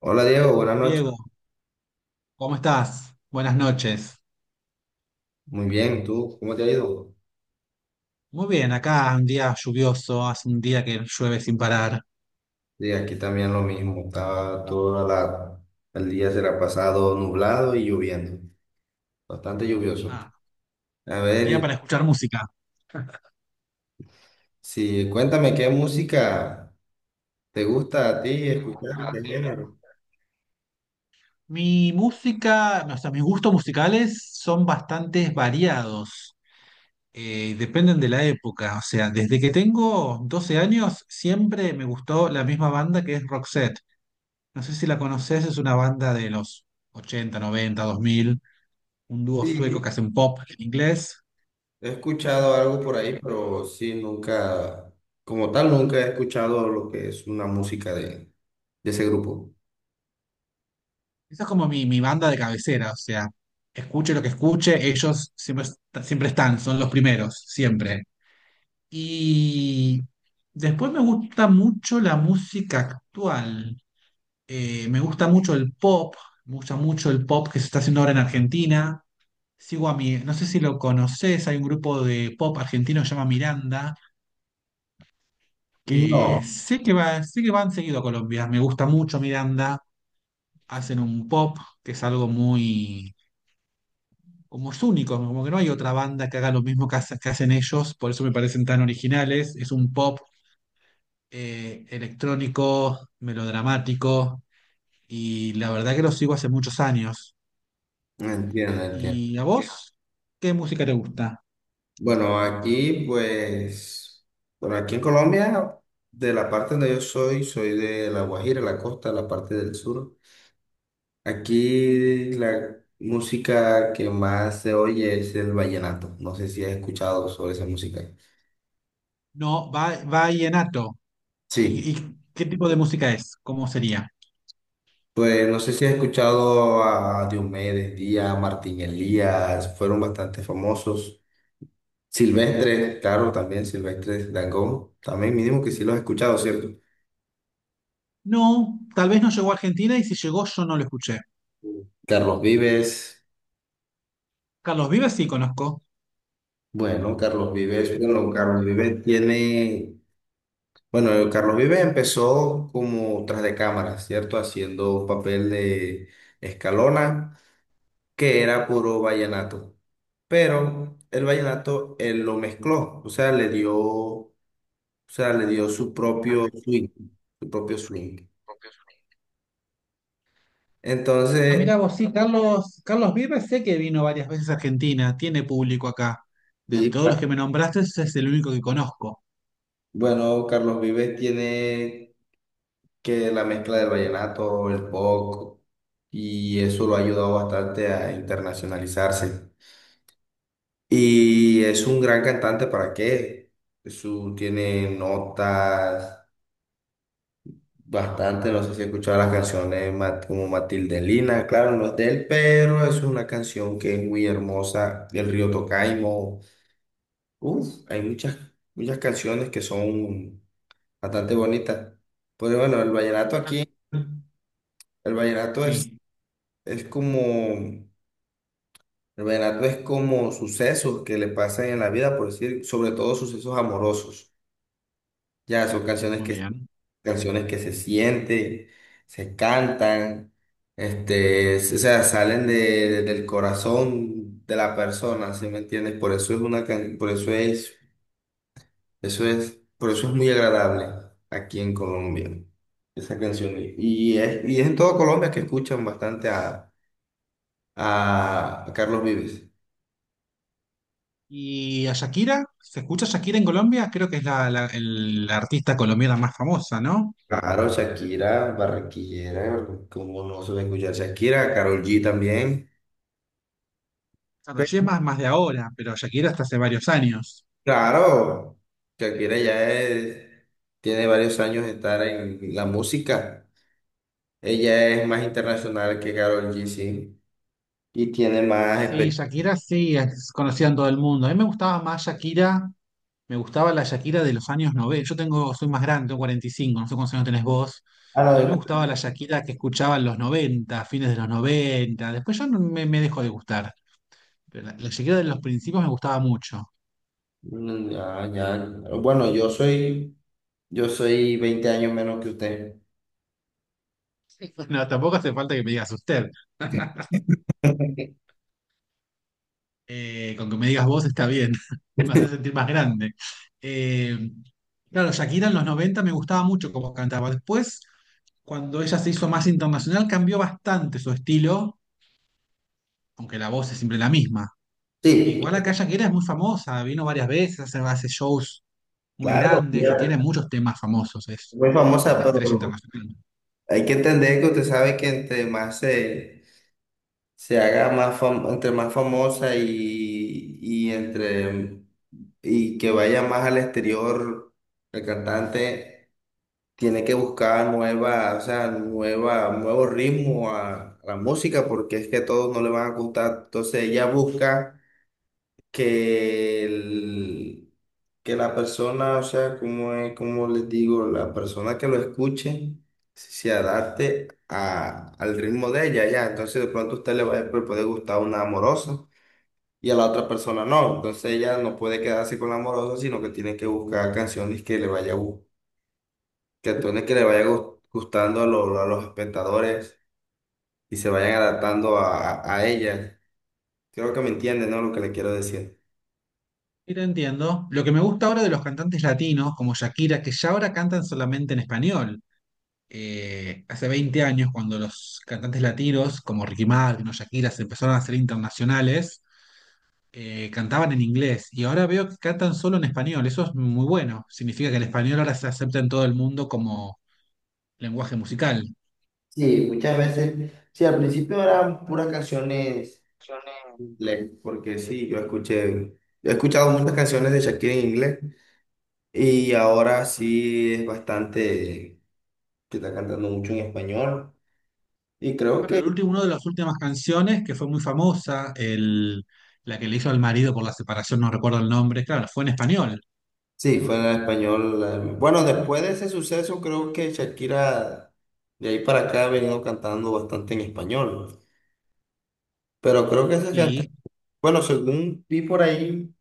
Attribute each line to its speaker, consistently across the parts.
Speaker 1: Hola Diego, buenas noches.
Speaker 2: Diego, ¿cómo estás? Buenas noches.
Speaker 1: Muy bien, ¿tú cómo te ha ido?
Speaker 2: Muy bien, acá un día lluvioso, hace un día que llueve sin parar.
Speaker 1: Sí, aquí también lo mismo. El día se la ha pasado nublado y lloviendo, bastante lluvioso.
Speaker 2: Ah,
Speaker 1: A ver,
Speaker 2: día
Speaker 1: y-
Speaker 2: para escuchar música.
Speaker 1: sí, cuéntame qué música te gusta a ti escuchar, qué género.
Speaker 2: Mi música, o sea, mis gustos musicales son bastante variados. Dependen de la época. O sea, desde que tengo 12 años siempre me gustó la misma banda, que es Roxette. No sé si la conoces, es una banda de los ochenta, noventa, dos mil. Un dúo
Speaker 1: Sí,
Speaker 2: sueco que hacen pop en inglés.
Speaker 1: he escuchado algo por
Speaker 2: eh,
Speaker 1: ahí, pero sí, nunca, como tal, nunca he escuchado lo que es una música de ese grupo.
Speaker 2: Esa es como mi banda de cabecera, o sea, escuche lo que escuche, ellos siempre, siempre están, son los primeros, siempre. Y después me gusta mucho la música actual. Me gusta mucho el pop, me gusta mucho el pop que se está haciendo ahora en Argentina. Sigo a mi, no sé si lo conoces, hay un grupo de pop argentino que se llama Miranda, que
Speaker 1: No,
Speaker 2: sé que va, sé que van seguido a Colombia, me gusta mucho Miranda, hacen un pop que es algo muy, como es único, como que no hay otra banda que haga lo mismo que, que hacen ellos, por eso me parecen tan originales. Es un pop electrónico, melodramático, y la verdad que lo sigo hace muchos años.
Speaker 1: entiendo, entiendo.
Speaker 2: ¿Y a vos? ¿Qué música te gusta?
Speaker 1: Bueno, aquí pues, bueno, aquí en Colombia, de la parte donde yo soy, soy de La Guajira, la costa, la parte del sur. Aquí la música que más se oye es el vallenato. No sé si has escuchado sobre esa música.
Speaker 2: No, va, vallenato.
Speaker 1: Sí,
Speaker 2: Y qué tipo de música es? ¿Cómo sería?
Speaker 1: pues no sé si has escuchado a Diomedes Díaz, Martín Elías, fueron bastante famosos. Silvestre, claro, también Silvestre Dangond, también mínimo que sí los has escuchado, ¿cierto?
Speaker 2: No, tal vez no llegó a Argentina, y si llegó yo no lo escuché.
Speaker 1: Carlos Vives.
Speaker 2: Carlos Vives sí conozco.
Speaker 1: Bueno, Carlos Vives, bueno, Carlos Vives tiene, bueno, Carlos Vives empezó como tras de cámara, ¿cierto? Haciendo un papel de Escalona, que era puro vallenato. Pero el vallenato él lo mezcló, o sea, le dio, o sea, le dio su propio swing, su propio swing.
Speaker 2: Ah,
Speaker 1: Entonces,
Speaker 2: mira vos, sí, Carlos, Carlos Vives sé que vino varias veces a Argentina, tiene público acá. De
Speaker 1: y,
Speaker 2: todos los que me nombraste, ese es el único que conozco.
Speaker 1: bueno, Carlos Vives tiene que la mezcla del vallenato, el pop, y eso lo ha ayudado bastante a internacionalizarse. Y es un gran cantante, ¿para qué? Su, tiene notas bastante, no sé si he escuchado las canciones como Matilde Lina, claro, no es de él, pero es una canción que es muy hermosa, del río Tocaimo. Uf, muchas canciones que son bastante bonitas. Pero bueno,
Speaker 2: Ah,
Speaker 1: El vallenato es
Speaker 2: sí,
Speaker 1: Es como, el vallenato es como sucesos que le pasan en la vida, por decir, sobre todo sucesos amorosos. Ya son canciones
Speaker 2: muy
Speaker 1: que,
Speaker 2: bien.
Speaker 1: canciones que se sienten, se cantan, o sea, salen del corazón de la persona, ¿sí me entiendes? Por eso es una, can- por eso es, Por eso es muy agradable aquí en Colombia, esa canción. Y es en toda Colombia que escuchan bastante a Carlos Vives.
Speaker 2: ¿Y a Shakira? ¿Se escucha Shakira en Colombia? Creo que es la, la artista colombiana más famosa, ¿no?
Speaker 1: Claro, Shakira, barranquillera, como no se va a escuchar Shakira, Karol G también.
Speaker 2: Claro,
Speaker 1: Pe-
Speaker 2: sí, es más, más de ahora, pero Shakira hasta hace varios años.
Speaker 1: Claro, Shakira ya es- tiene varios años de estar en la música. Ella es más internacional que Karol G, sí, y tiene más
Speaker 2: Sí,
Speaker 1: experiencia.
Speaker 2: Shakira sí es conocida en todo el mundo. A mí me gustaba más Shakira. Me gustaba la Shakira de los años 90. Yo tengo, soy más grande, tengo 45. No sé cuántos años tenés vos. Pero a mí me
Speaker 1: Ah,
Speaker 2: gustaba la Shakira que escuchaba en los 90, fines de los 90. Después yo no me dejó de gustar. Pero la Shakira de los principios me gustaba mucho.
Speaker 1: no, ya, ya. Bueno, yo soy, yo soy 20 años menos que usted.
Speaker 2: No, tampoco hace falta que me digas usted. Con que me digas vos está bien. Me hace sentir más grande. Eh, claro, Shakira en los 90 me gustaba mucho cómo cantaba. Después, cuando ella se hizo más internacional, cambió bastante su estilo, aunque la voz es siempre la misma.
Speaker 1: Sí,
Speaker 2: Igual acá Shakira es muy famosa, vino varias veces, hace, hace shows muy
Speaker 1: claro,
Speaker 2: grandes y
Speaker 1: ella
Speaker 2: tiene muchos temas famosos, es
Speaker 1: es muy
Speaker 2: como
Speaker 1: famosa,
Speaker 2: una
Speaker 1: pero
Speaker 2: estrella internacional.
Speaker 1: hay que entender que usted sabe que entre más se se haga más fam- entre más famosa y que vaya más al exterior el cantante tiene que buscar nueva, o sea, nueva, nuevo ritmo a la música, porque es que a todos no le van a gustar. Entonces ella busca que, el- que la persona, o sea, como es, como les digo, la persona que lo escuche se adapte al ritmo de ella, ya. Entonces, de pronto a usted le va a poder gustar una amorosa y a la otra persona no. Entonces, ella no puede quedarse con la amorosa, sino que tiene que buscar canciones que le vaya gustando a los espectadores y se vayan adaptando a ella. Creo que me entiende, ¿no? Lo que le quiero decir.
Speaker 2: Y lo entiendo. Lo que me gusta ahora de los cantantes latinos, como Shakira, que ya ahora cantan solamente en español. Hace 20 años, cuando los cantantes latinos, como Ricky Martin o Shakira, se empezaron a hacer internacionales, cantaban en inglés. Y ahora veo que cantan solo en español. Eso es muy bueno. Significa que el español ahora se acepta en todo el mundo como lenguaje musical.
Speaker 1: Sí, muchas veces, sí, al principio eran puras canciones en inglés, porque sí, he escuchado muchas canciones de Shakira en inglés, y ahora sí es bastante, que está cantando mucho en español, y creo
Speaker 2: Claro,
Speaker 1: que
Speaker 2: el último, una de las últimas canciones que fue muy famosa, el, la que le hizo al marido por la separación, no recuerdo el nombre, claro, fue en español.
Speaker 1: sí, fue en español. Bueno, Después de ese suceso creo que Shakira de ahí para acá ha venido cantando bastante en español, pero creo que esas
Speaker 2: Sí.
Speaker 1: canciones, bueno, según vi por ahí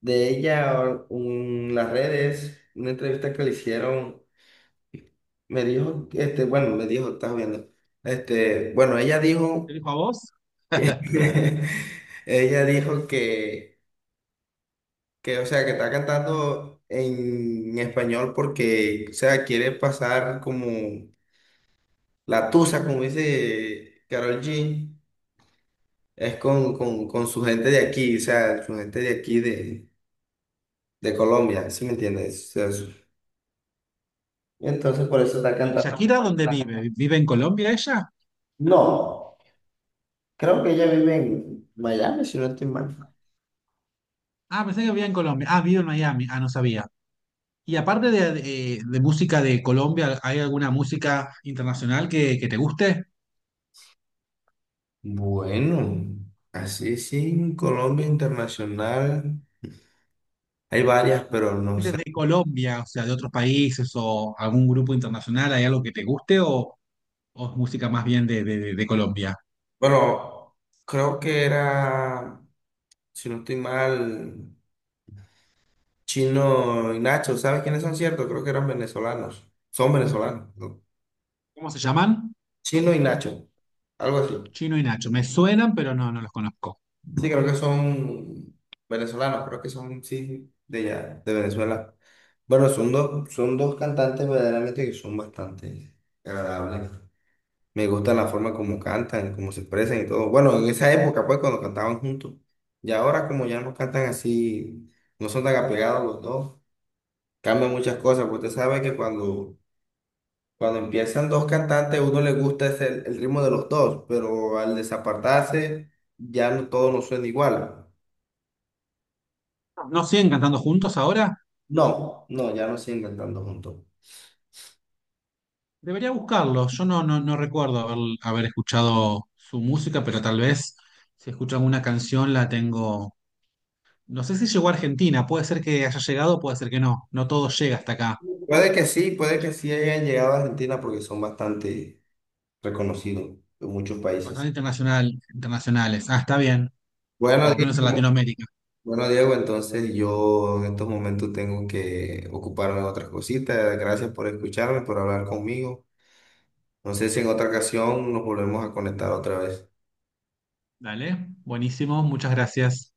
Speaker 1: de ella en las redes, una entrevista que le hicieron, me dijo, este, bueno, me dijo, estás viendo, este, bueno, ella
Speaker 2: ¿Te
Speaker 1: dijo,
Speaker 2: dijo a vos?
Speaker 1: ella dijo que, o sea, que está cantando en español porque, o sea, quiere pasar como la tusa, como dice Karol G, es con su gente de aquí, o sea, su gente de aquí de Colombia, ¿sí me entiendes? Entonces por eso está cantando.
Speaker 2: ¿Shakira dónde vive? ¿Vive en Colombia ella?
Speaker 1: No, creo que ella vive en Miami, si no estoy mal.
Speaker 2: Ah, pensé que vivía en Colombia. Ah, vive en Miami. Ah, no sabía. Y aparte de, de música de Colombia, ¿hay alguna música internacional que te guste?
Speaker 1: Bueno, así sí, en Colombia internacional hay varias, pero no
Speaker 2: Gente
Speaker 1: sé.
Speaker 2: de Colombia, o sea, de otros países, o algún grupo internacional, ¿hay algo que te guste, o es música más bien de de Colombia?
Speaker 1: Bueno, creo que era, si no estoy mal, Chino y Nacho. ¿Sabes quiénes son, ciertos? Creo que eran venezolanos. Son venezolanos, ¿no?
Speaker 2: ¿Cómo se llaman?
Speaker 1: Chino y Nacho, algo así.
Speaker 2: Chino y Nacho. Me suenan, pero no, no los conozco.
Speaker 1: Sí, creo que son venezolanos, creo que son, sí, de allá, de Venezuela. Bueno, son dos cantantes verdaderamente que son bastante agradables. Me gusta la forma como cantan, cómo se expresan y todo. Bueno, en esa época, pues, cuando cantaban juntos. Y ahora, como ya no cantan así, no son tan apegados los dos, cambian muchas cosas. Porque usted sabe que cuando empiezan dos cantantes, uno le gusta el ritmo de los dos, pero al desapartarse, ya no, todo no suena igual.
Speaker 2: ¿No siguen cantando juntos ahora?
Speaker 1: No, no, ya no siguen cantando juntos.
Speaker 2: Debería buscarlos. Yo no, no, no recuerdo haber, haber escuchado su música, pero tal vez si escucho alguna canción la tengo. No sé si llegó a Argentina, puede ser que haya llegado, puede ser que no. No todo llega hasta acá.
Speaker 1: Puede que sí hayan llegado a Argentina porque son bastante reconocidos en muchos
Speaker 2: Bastante
Speaker 1: países.
Speaker 2: internacional, internacionales. Ah, está bien. O por
Speaker 1: Bueno,
Speaker 2: lo menos en
Speaker 1: Diego,
Speaker 2: Latinoamérica.
Speaker 1: bueno, Diego, entonces yo en estos momentos tengo que ocuparme de otras cositas. Gracias por escucharme, por hablar conmigo. No sé si en otra ocasión nos volvemos a conectar otra vez.
Speaker 2: Dale, buenísimo, muchas gracias.